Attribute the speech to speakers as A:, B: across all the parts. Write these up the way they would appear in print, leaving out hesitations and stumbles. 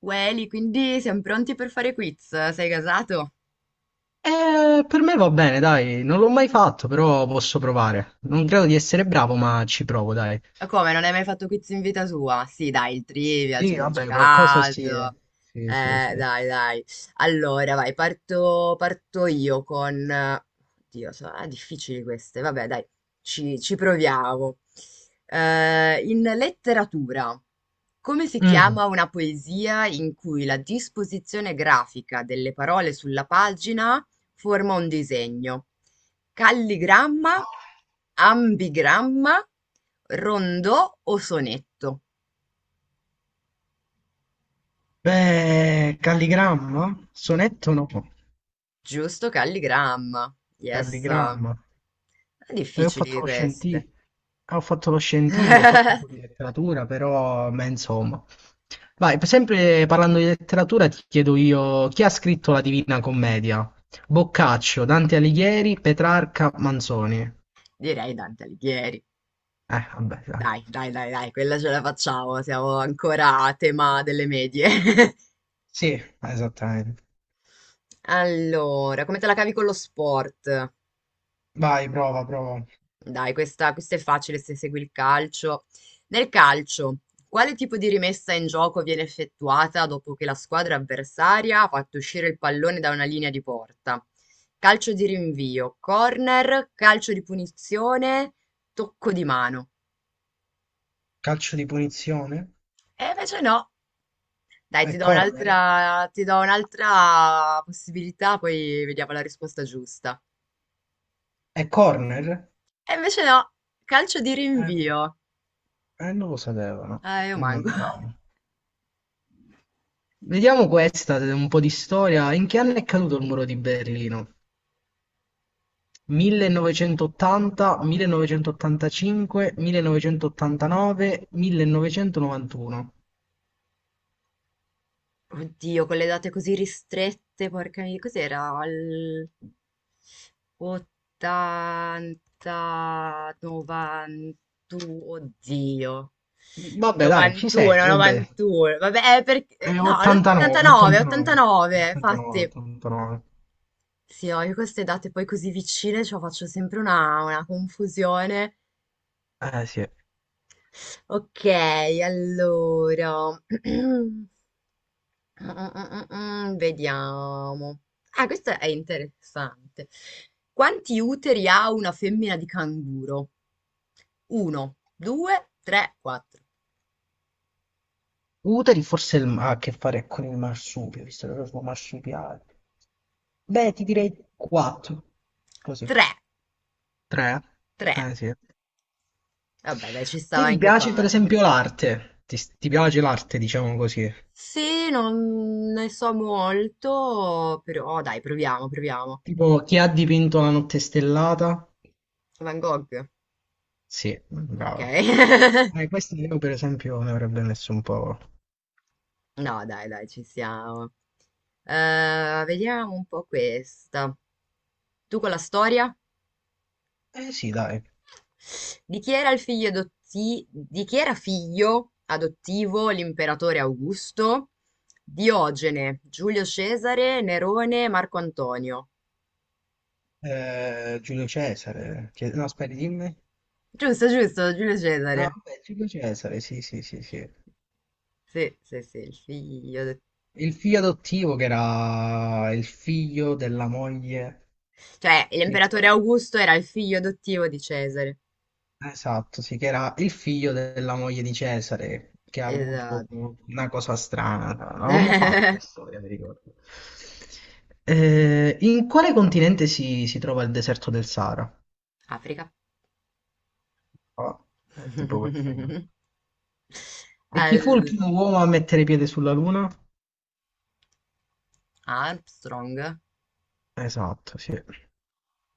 A: Welly, quindi siamo pronti per fare quiz? Sei casato?
B: Per me va bene, dai, non l'ho mai fatto, però posso provare. Non credo di essere bravo, ma ci provo, dai.
A: Ma come, non hai mai fatto quiz in vita tua? Sì, dai, il trivial, ci
B: Sì,
A: abbiamo
B: vabbè, qualcosa sì.
A: giocato.
B: Sì, sì, sì.
A: Dai, dai. Allora, vai, parto io con... Oddio, sono difficili queste. Vabbè, dai, ci proviamo. In letteratura, come si
B: Mm.
A: chiama una poesia in cui la disposizione grafica delle parole sulla pagina forma un disegno? Calligramma, ambigramma, rondò o sonetto.
B: Beh, calligramma? Sonetto no,
A: Giusto, calligramma. Yes.
B: calligramma. E ho fatto
A: Difficili
B: lo
A: queste.
B: scientifico. Ah, ho fatto lo scientifico, ho fatto un po' di letteratura, però, beh, insomma. Vai, sempre parlando di letteratura, ti chiedo io, chi ha scritto la Divina Commedia? Boccaccio, Dante Alighieri, Petrarca, Manzoni.
A: Direi Dante Alighieri.
B: Vabbè, dai.
A: Dai, dai, dai, dai, quella ce la facciamo. Siamo ancora a tema delle medie.
B: Sì, esattamente.
A: Allora, come te la cavi con lo sport?
B: Vai, prova, prova.
A: Dai, questa è facile se segui il calcio. Nel calcio, quale tipo di rimessa in gioco viene effettuata dopo che la squadra avversaria ha fatto uscire il pallone da una linea di porta? Calcio di rinvio, corner, calcio di punizione, tocco di mano.
B: Calcio di punizione?
A: E invece no. Dai,
B: È corner?
A: ti do un'altra possibilità, poi vediamo la risposta giusta.
B: È corner?
A: E invece no, calcio di
B: Eh,
A: rinvio.
B: non lo sapevano.
A: Io
B: Mi
A: manco.
B: mancava. Vediamo questa, un po' di storia. In che anno è caduto il muro di Berlino? 1980, 1985, 1989, 1991.
A: Oddio, con le date così ristrette, porca miseria, cos'era? Al 80, 91, oddio.
B: Vabbè, dai, ci sei,
A: 91,
B: vabbè.
A: 91, vabbè, No,
B: 89,
A: l'89,
B: 89,
A: 89,
B: 89,
A: infatti.
B: 89.
A: Sì, ho io queste date poi così vicine, cioè faccio sempre una confusione.
B: Eh sì.
A: Ok, allora... Vediamo. Ah, questo è interessante. Quanti uteri ha una femmina di canguro? Uno, due, tre, quattro.
B: Uteri forse ha a che fare con il marsupio, visto che lo sono marsupiale. Beh, ti direi 4. Così.
A: Tre,
B: 3.
A: tre.
B: Eh sì.
A: Vabbè, dai, ci
B: Ti,
A: stava
B: ti
A: anche
B: piace per
A: quattro.
B: esempio l'arte? Ti piace l'arte, diciamo così?
A: Sì, non ne so molto, però dai, proviamo, proviamo.
B: Tipo, chi ha dipinto la notte stellata?
A: Van Gogh,
B: Sì,
A: ok?
B: brava. Questa io per esempio ne avrebbe messo un po'.
A: No, dai, dai, ci siamo. Vediamo un po' questa. Tu con la storia?
B: Eh sì, dai.
A: Di chi era figlio adottivo l'imperatore Augusto? Diogene, Giulio Cesare, Nerone, Marco Antonio.
B: Giulio Cesare. No, aspetta, dimmi.
A: Giusto, giusto, Giulio
B: Ah,
A: Cesare.
B: vabbè, Giulio Cesare, sì, sì, sì, sì.
A: Sì, sì, sì, il figlio adottivo.
B: Il figlio adottivo che era il figlio della moglie.
A: Cioè,
B: Sì, me lo
A: l'imperatore
B: ricordo.
A: Augusto era il figlio adottivo di Cesare.
B: Esatto, sì, che era il figlio della moglie di Cesare, che ha avuto
A: Esatto.
B: una cosa strana. L'avevamo fatto la storia, mi ricordo. In quale continente si trova il deserto del Sahara?
A: Africa.
B: Ah, è tipo questa. E chi fu il
A: Al-
B: primo uomo a mettere piede sulla Luna?
A: Armstrong.
B: Esatto, sì.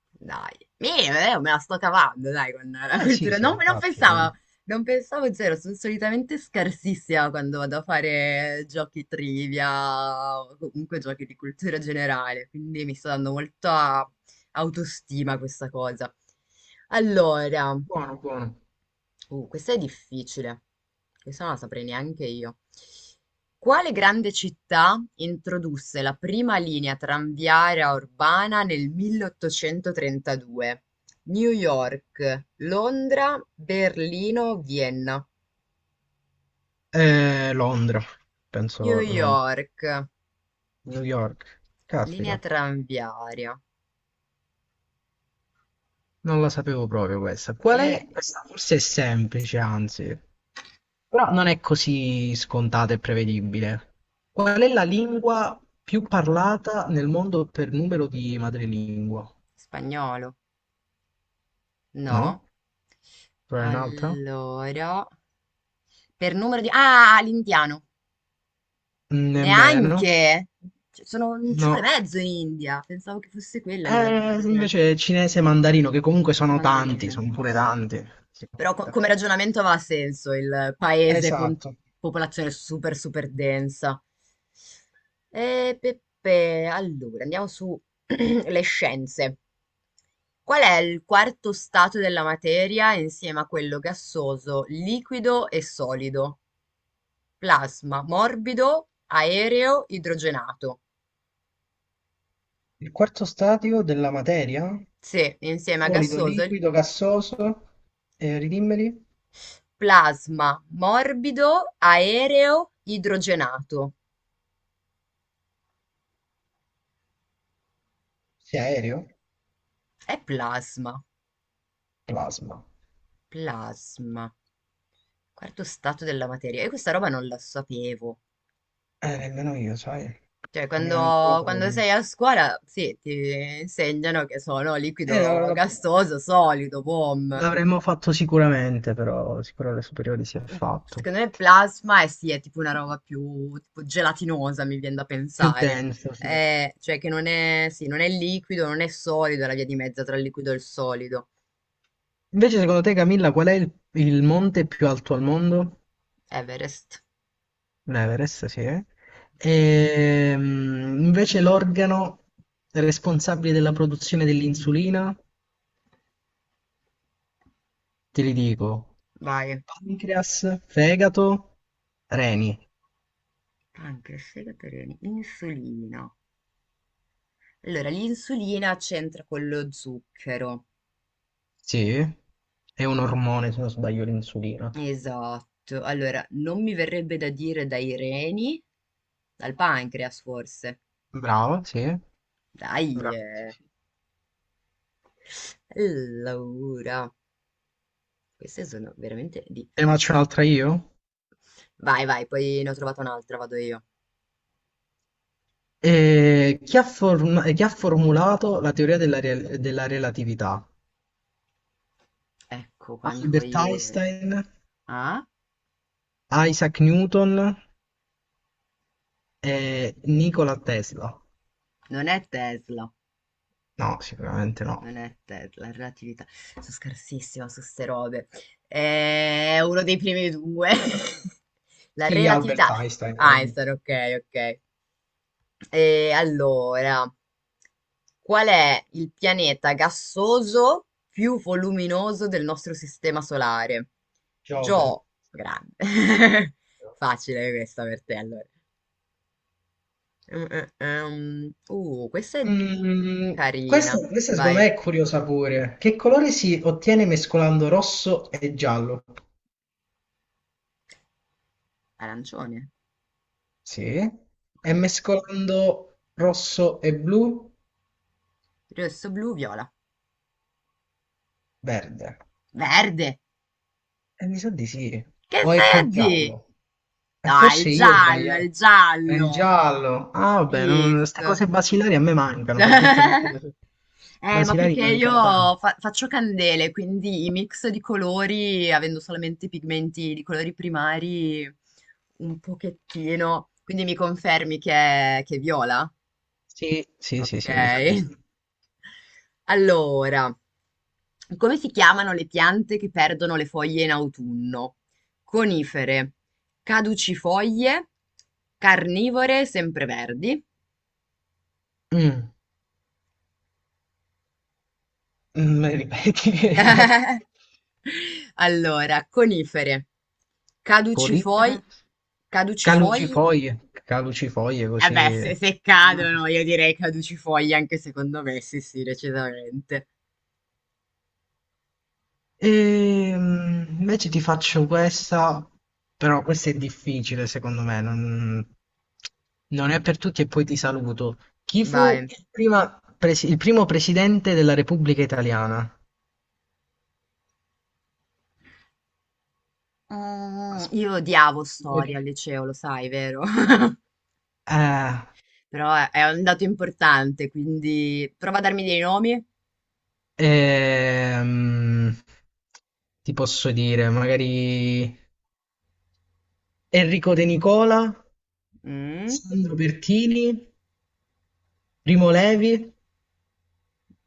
A: Dai, me la sto cavando, dai, con la
B: Eh sì,
A: cultura.
B: sì,
A: Non
B: infatti.
A: pensavo, non pensavo zero, sono solitamente scarsissima quando vado a fare giochi trivia o comunque giochi di cultura generale, quindi mi sta dando molta autostima a questa cosa. Allora,
B: Buono, buono.
A: Questa è difficile. Questa non la saprei neanche io. Quale grande città introdusse la prima linea tranviaria urbana nel 1832? New York, Londra, Berlino, Vienna.
B: Londra,
A: New
B: penso, no,
A: York,
B: New York.
A: linea
B: Caspita,
A: tranviaria.
B: non la sapevo proprio questa.
A: Ma
B: Qual
A: Io
B: è?
A: ne-
B: Questa forse è semplice, anzi, però non è così scontata e prevedibile. Qual è la lingua più parlata nel mondo per numero di madrelingua?
A: Spagnolo, no?
B: No? Qual è un'altra?
A: Allora, per numero di... Ah, l'indiano.
B: Nemmeno.
A: Neanche? Cioè, sono un ciule e
B: No,
A: mezzo in India. Pensavo che fosse quella a livello di
B: eh, invece
A: popolazione.
B: cinese e mandarino, che comunque
A: Forse
B: sono tanti,
A: mandarino.
B: sono pure tanti. Sì, sono
A: Però
B: pure
A: come
B: tanti.
A: ragionamento aveva senso il paese con
B: Esatto.
A: popolazione super super densa. E Peppe, allora andiamo su le scienze. Qual è il quarto stato della materia insieme a quello gassoso, liquido e solido? Plasma, morbido, aereo, idrogenato.
B: Il quarto stadio della materia?
A: Sì, insieme a
B: Solido,
A: gassoso, il
B: liquido, gassoso, ridimmeli?
A: plasma morbido aereo idrogenato.
B: Sì, aereo?
A: È plasma,
B: Plasma.
A: plasma, quarto stato della materia. E questa roba non la sapevo.
B: Nemmeno io, sai.
A: Cioè,
B: Mi mancava
A: quando
B: proprio.
A: sei a scuola, sì, ti insegnano che sono
B: No,
A: liquido gassoso, solido, boom.
B: L'avremmo fatto sicuramente, però sicuro alle superiori si è fatto.
A: Secondo me plasma è sì, è tipo una roba più tipo gelatinosa, mi viene da
B: Più
A: pensare.
B: denso, sì.
A: Cioè che non è, sì, non è liquido, non è solido, è la via di mezzo tra il liquido e il solido.
B: Invece, secondo te, Camilla, qual è il monte più alto al mondo?
A: Everest,
B: Un Everest, sì. E, invece l'organo responsabile della produzione dell'insulina, te li dico,
A: vai.
B: pancreas, fegato, reni,
A: Pancreas, fegato, reni, insulina. Allora, l'insulina c'entra con lo zucchero.
B: sì. È un ormone, se non sbaglio, l'insulina.
A: Esatto. Allora, non mi verrebbe da dire dai reni, dal pancreas forse.
B: Bravo, sì.
A: Dai,
B: Bravo.
A: eh. Allora. Queste sono veramente
B: Te ne faccio
A: difficili.
B: un'altra io?
A: Vai, vai, poi ne ho trovata un'altra, vado io.
B: E chi ha formulato la teoria della relatività?
A: Ecco qua, amico.
B: Albert Einstein,
A: Ah,
B: Isaac Newton e Nikola Tesla.
A: Non è Tesla.
B: No, sicuramente no.
A: Non è te- La relatività. Sono scarsissima su ste robe. È uno dei primi due. La
B: Sì,
A: relatività.
B: Albert Einstein.
A: Einstein, ok, ok. E allora, qual è il pianeta gassoso più voluminoso del nostro sistema solare?
B: Giove.
A: Gio, grande. Facile questa per te, allora. Mm, mm. Questa è
B: Mm,
A: carina.
B: questa secondo me
A: Vai,
B: è curiosa pure. Che colore si ottiene mescolando rosso e giallo?
A: arancione.
B: Sì.
A: Ok.
B: E mescolando rosso e blu?
A: Rosso, blu, viola.
B: Verde.
A: Verde!
B: E mi sa di sì.
A: Che
B: O è col
A: vedi?
B: giallo? E
A: No, è il
B: forse io ho
A: giallo, è il
B: sbagliato. È il
A: giallo.
B: giallo. Ah, vabbè, queste
A: Visto.
B: cose basilari a me mancano, per dirti a me che le cose
A: Ma
B: basilari
A: perché io
B: mancano tanto.
A: faccio candele, quindi i mix di colori, avendo solamente pigmenti di colori primari, un pochettino. Quindi mi confermi che che è viola?
B: Sì, sì, sì,
A: Ok.
B: sì, mi sa di sì.
A: Allora, come si chiamano le piante che perdono le foglie in autunno? Conifere, caducifoglie, carnivore, sempreverdi.
B: Mm, me li ripeti che non ho capito.
A: Allora, conifere, caducifoglie,
B: Colicere?
A: caducifoglie.
B: Calucifoglie, calucifoglie
A: Eh beh,
B: così.
A: se cadono, io direi caducifoglie anche secondo me, sì, sì, decisamente.
B: Invece ti faccio questa, però questa è difficile secondo me, non è per tutti e poi ti saluto. Chi fu
A: Vai.
B: il primo presidente della Repubblica Italiana?
A: Mm,
B: Aspetta.
A: io odiavo
B: Vuoi che
A: storia al
B: ti-
A: liceo, lo sai, vero?
B: Eh,
A: Però è È un dato importante, quindi prova a darmi dei nomi.
B: Ehm, Ti posso dire, magari Enrico De Nicola,
A: Mm?
B: Sandro Pertini, Primo Levi,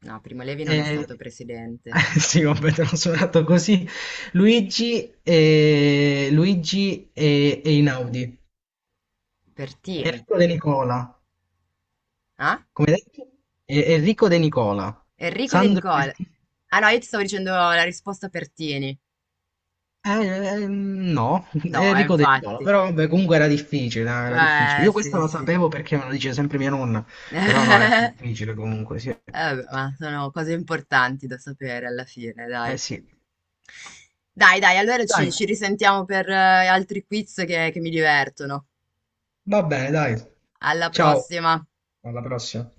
A: No, Primo Levi non è
B: eh,
A: stato presidente.
B: sì, vabbè, te l'ho suonato così, Luigi e Inaudi.
A: Pertini.
B: Enrico De Nicola,
A: Ah?
B: come detto? Enrico De Nicola,
A: Enrico De
B: Sandro
A: Nicole.
B: Pertini.
A: Ah no, io ti stavo dicendo la risposta Pertini.
B: Eh, no,
A: No,
B: Enrico De Nicola,
A: infatti.
B: però vabbè, comunque era difficile, era difficile. Io questa
A: Sì,
B: la
A: sì.
B: sapevo perché me lo dice sempre mia nonna, però no, era difficile comunque, sì.
A: Vabbè, ma sono cose importanti da sapere alla fine,
B: Eh
A: dai.
B: sì.
A: Dai, dai, allora ci,
B: Dai,
A: ci risentiamo per altri quiz che mi divertono.
B: va bene, dai.
A: Alla
B: Ciao,
A: prossima.
B: alla prossima.